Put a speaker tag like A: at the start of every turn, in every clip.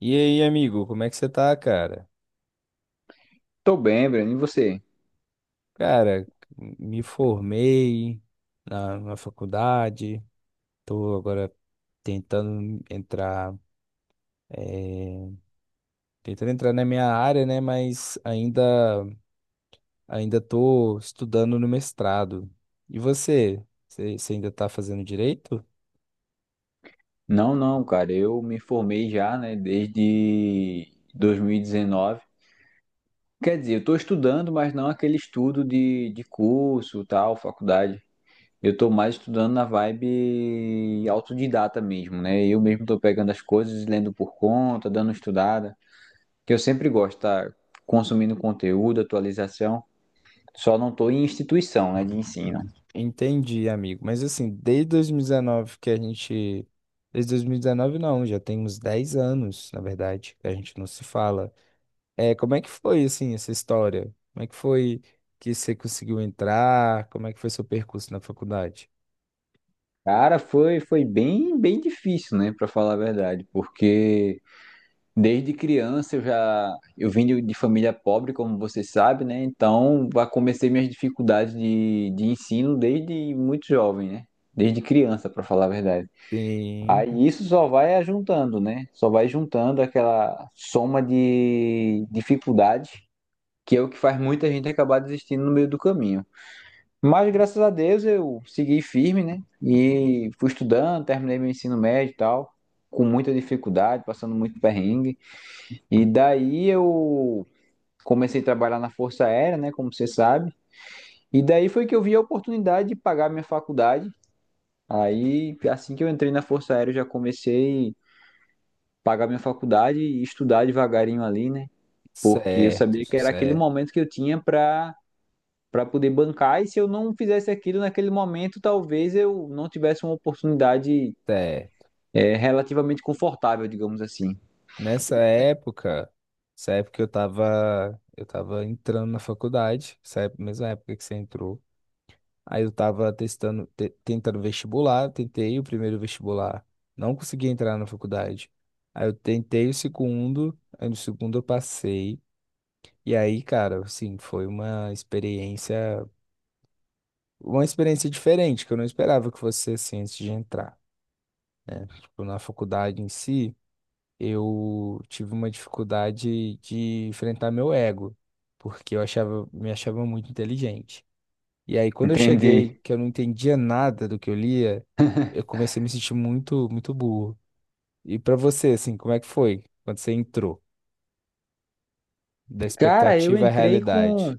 A: E aí, amigo, como é que você tá, cara?
B: Tô bem, Breno, e você?
A: Cara, me formei na faculdade, tô agora tentando entrar, eh, tentando entrar na minha área, né? Mas ainda tô estudando no mestrado. E você? Você ainda tá fazendo direito?
B: Não, não, cara, eu me formei já, né, desde 2019. Quer dizer, eu tô estudando, mas não aquele estudo de, curso, tal, faculdade. Eu tô mais estudando na vibe autodidata mesmo, né? Eu mesmo tô pegando as coisas, lendo por conta, dando estudada, que eu sempre gosto, tá? Consumindo conteúdo, atualização. Só não tô em instituição, né, de ensino.
A: Entendi, amigo. Mas assim, desde 2019 que a gente. Desde 2019, não, já tem uns 10 anos, na verdade, que a gente não se fala. É, como é que foi, assim, essa história? Como é que foi que você conseguiu entrar? Como é que foi seu percurso na faculdade?
B: Cara, foi bem, bem difícil, né, pra falar a verdade, porque desde criança eu já eu vim de, família pobre, como você sabe, né? Então, já comecei minhas dificuldades de, ensino desde muito jovem, né? Desde criança, para falar a verdade.
A: Sim,
B: Aí isso só vai juntando, né? Só vai juntando aquela soma de dificuldades, que é o que faz muita gente acabar desistindo no meio do caminho. Mas graças a Deus eu segui firme, né? E fui estudando, terminei meu ensino médio e tal, com muita dificuldade, passando muito perrengue. E daí eu comecei a trabalhar na Força Aérea, né, como você sabe. E daí foi que eu vi a oportunidade de pagar minha faculdade. Aí, assim que eu entrei na Força Aérea, eu já comecei a pagar minha faculdade e estudar devagarinho ali, né? Porque eu
A: certo,
B: sabia que era aquele
A: certo,
B: momento que eu tinha para poder bancar, e se eu não fizesse aquilo naquele momento, talvez eu não tivesse uma oportunidade
A: certo.
B: é, relativamente confortável, digamos assim.
A: Nessa época, essa época eu tava entrando na faculdade, mesma época que você entrou. Aí eu tava tentando vestibular, tentei o primeiro vestibular, não consegui entrar na faculdade. Aí eu tentei o segundo, aí no segundo eu passei. E aí, cara, assim, foi uma experiência diferente, que eu não esperava que fosse assim antes de entrar. Tipo, na faculdade em si, eu tive uma dificuldade de enfrentar meu ego, porque me achava muito inteligente. E aí, quando eu cheguei,
B: Entendi.
A: que eu não entendia nada do que eu lia, eu comecei a me sentir muito burro. E pra você, assim, como é que foi quando você entrou? Da
B: Cara, eu
A: expectativa à
B: entrei com
A: realidade.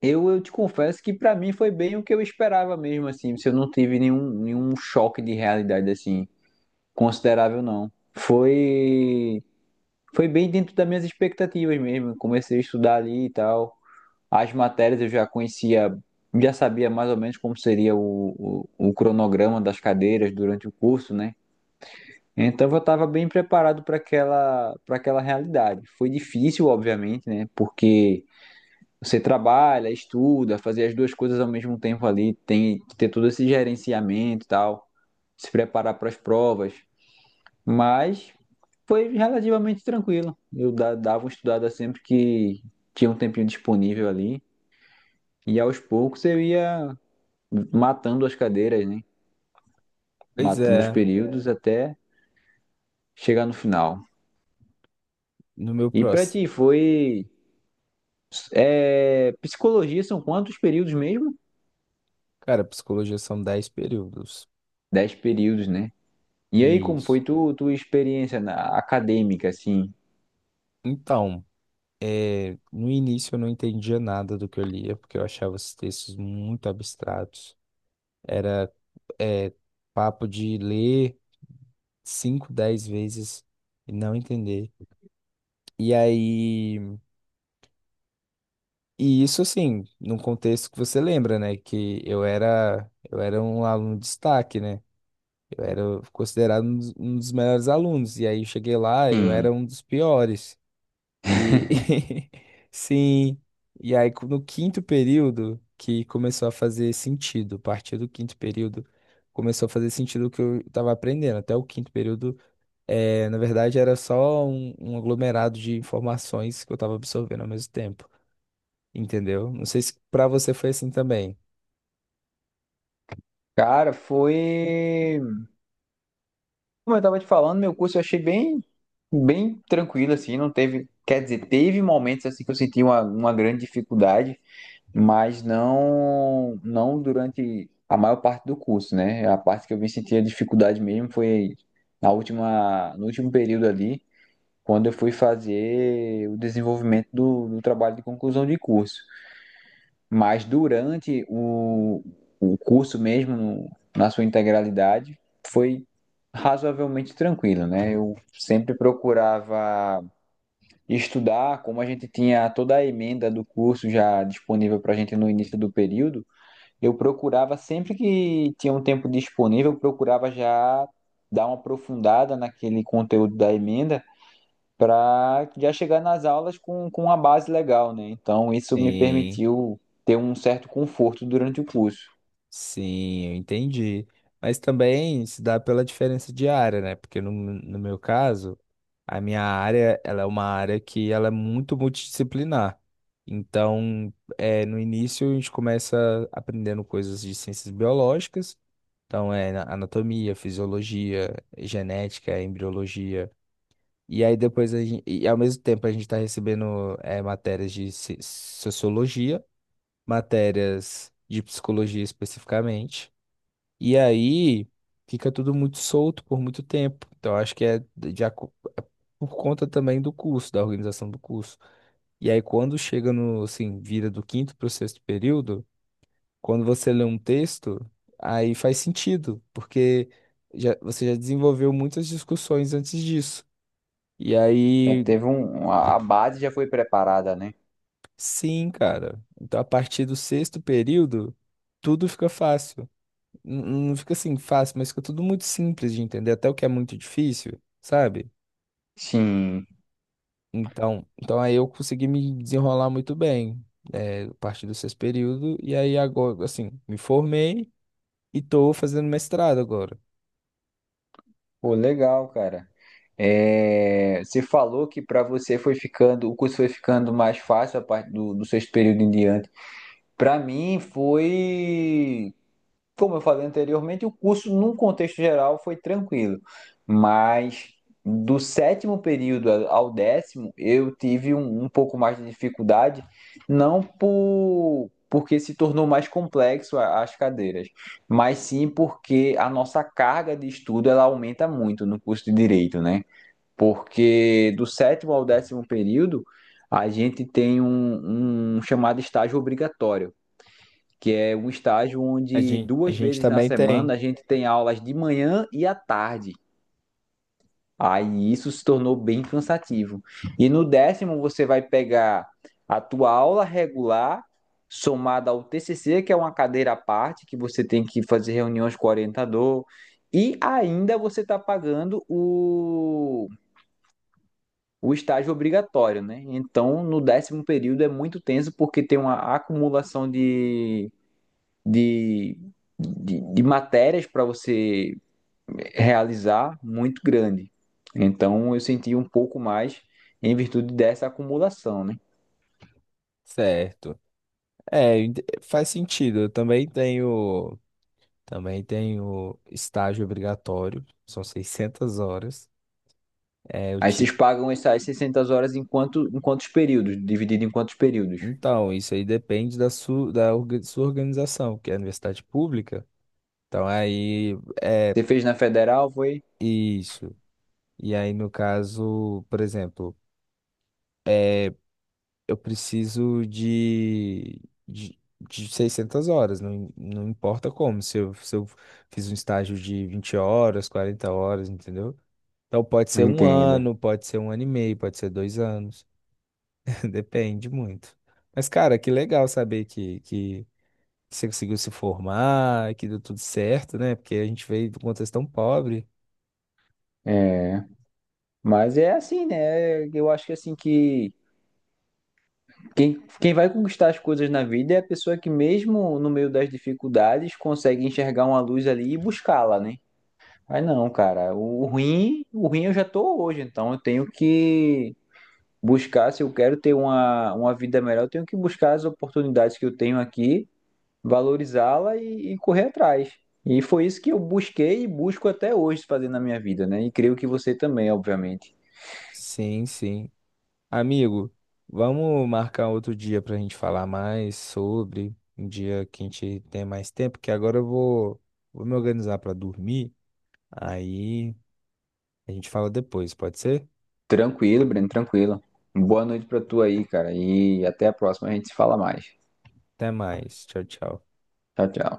B: eu, te confesso que pra mim foi bem o que eu esperava mesmo, assim, se eu não tive nenhum, choque de realidade, assim, considerável, não. Foi, foi bem dentro das minhas expectativas mesmo, comecei a estudar ali e tal, as matérias eu já conhecia, já sabia mais ou menos como seria o, cronograma das cadeiras durante o curso, né? Então eu estava bem preparado para aquela realidade. Foi difícil, obviamente, né? Porque você trabalha, estuda, fazer as duas coisas ao mesmo tempo ali, tem que ter todo esse gerenciamento e tal, se preparar para as provas. Mas foi relativamente tranquilo. Eu dava uma estudada sempre que tinha um tempinho disponível ali, e aos poucos eu ia matando as cadeiras, né?
A: Pois
B: Matando os
A: é,
B: períodos até chegar no final.
A: no meu
B: E para
A: próximo.
B: ti foi é, psicologia são quantos períodos mesmo?
A: Cara, psicologia são 10 períodos.
B: Dez períodos, né? E aí, como
A: Isso.
B: foi tu, tua experiência na acadêmica, assim?
A: Então, no início eu não entendia nada do que eu lia, porque eu achava os textos muito abstratos. Era, é, papo de ler 5, 10 vezes e não entender. E aí, e isso assim, num contexto que você lembra, né? Que eu era um aluno de destaque, né? Eu era considerado um dos melhores alunos. E aí eu cheguei lá, eu era
B: Sim.
A: um dos piores. E sim, e aí no quinto período que começou a fazer sentido, a partir do quinto período começou a fazer sentido o que eu estava aprendendo. Até o quinto período, na verdade, era só um aglomerado de informações que eu estava absorvendo ao mesmo tempo, entendeu? Não sei se para você foi assim também.
B: Cara, foi. Como eu tava te falando, meu curso eu achei bem tranquilo, assim, não teve. Quer dizer, teve momentos assim que eu senti uma, grande dificuldade, mas não, não durante a maior parte do curso, né? A parte que eu vim sentir a dificuldade mesmo foi na última, no último período ali, quando eu fui fazer o desenvolvimento do, trabalho de conclusão de curso. Mas durante o curso mesmo, na sua integralidade, foi razoavelmente tranquilo, né? Eu sempre procurava estudar, como a gente tinha toda a emenda do curso já disponível para a gente no início do período, eu procurava sempre que tinha um tempo disponível, eu procurava já dar uma aprofundada naquele conteúdo da emenda para já chegar nas aulas com uma base legal, né? Então, isso me
A: Sim.
B: permitiu ter um certo conforto durante o curso.
A: Sim, eu entendi. Mas também se dá pela diferença de área, né? Porque no meu caso, a minha área, ela é uma área que ela é muito multidisciplinar. Então, é, no início a gente começa aprendendo coisas de ciências biológicas, então é anatomia, fisiologia, genética, embriologia. E aí depois a gente, e ao mesmo tempo a gente está recebendo é, matérias de sociologia, matérias de psicologia especificamente. E aí fica tudo muito solto por muito tempo. Então acho que é por conta também do curso, da organização do curso. E aí quando chega no, assim, vira do quinto para o sexto período, quando você lê um texto, aí faz sentido, porque já, você já desenvolveu muitas discussões antes disso. E
B: Já
A: aí,
B: teve um, a base já foi preparada, né?
A: sim, cara. Então a partir do sexto período, tudo fica fácil. N- Não fica assim fácil, mas fica tudo muito simples de entender, até o que é muito difícil, sabe?
B: Sim.
A: Então, então aí eu consegui me desenrolar muito bem, a partir do sexto período, e aí agora, assim, me formei e tô fazendo mestrado agora.
B: Pô, legal, cara. É, você falou que para você foi ficando, o curso foi ficando mais fácil a partir do, sexto período em diante. Para mim foi como eu falei anteriormente, o curso, num contexto geral, foi tranquilo. Mas do sétimo período ao décimo, eu tive um, um pouco mais de dificuldade, porque se tornou mais complexo as cadeiras, mas sim porque a nossa carga de estudo ela aumenta muito no curso de direito, né? Porque do sétimo ao décimo período, a gente tem um chamado estágio obrigatório, que é um estágio
A: A
B: onde
A: gente, a
B: duas
A: gente
B: vezes na
A: também
B: semana
A: tem,
B: a gente tem aulas de manhã e à tarde. Aí isso se tornou bem cansativo. E no décimo você vai pegar a tua aula regular somada ao TCC, que é uma cadeira à parte, que você tem que fazer reuniões com o orientador, e ainda você está pagando o estágio obrigatório, né? Então, no décimo período é muito tenso porque tem uma acumulação de, de matérias para você realizar muito grande. Então eu senti um pouco mais em virtude dessa acumulação, né?
A: certo. É, faz sentido, também tenho estágio obrigatório, são 600 horas. É, eu
B: Aí vocês
A: tive.
B: pagam essas 600 horas em, quanto, em quantos períodos? Dividido em quantos períodos?
A: Então, isso aí depende da sua organização, que é a universidade pública. Então, aí, é
B: Você fez na federal, foi?
A: isso. E aí, no caso, por exemplo, eu preciso de 600 horas, não importa como, se eu fiz um estágio de 20 horas, 40 horas, entendeu? Então, pode ser um
B: Entendo.
A: ano, pode ser um ano e meio, pode ser dois anos, depende muito. Mas, cara, que legal saber que você conseguiu se formar, que deu tudo certo, né? Porque a gente veio de um contexto tão pobre.
B: É, mas é assim, né? Eu acho que assim que quem, quem vai conquistar as coisas na vida é a pessoa que mesmo no meio das dificuldades consegue enxergar uma luz ali e buscá-la, né? Mas não, cara. O ruim eu já tô hoje, então eu tenho que buscar, se eu quero ter uma vida melhor, eu tenho que buscar as oportunidades que eu tenho aqui, valorizá-la e correr atrás. E foi isso que eu busquei e busco até hoje fazer na minha vida, né? E creio que você também, obviamente.
A: Sim, sim. Amigo, vamos marcar outro dia para a gente falar mais sobre, um dia que a gente tem mais tempo, que agora vou me organizar para dormir, aí a gente fala depois, pode ser?
B: Tranquilo, Breno, tranquilo. Boa noite pra tu aí, cara. E até a próxima, a gente se fala mais.
A: Até mais, tchau, tchau.
B: Tchau, tchau.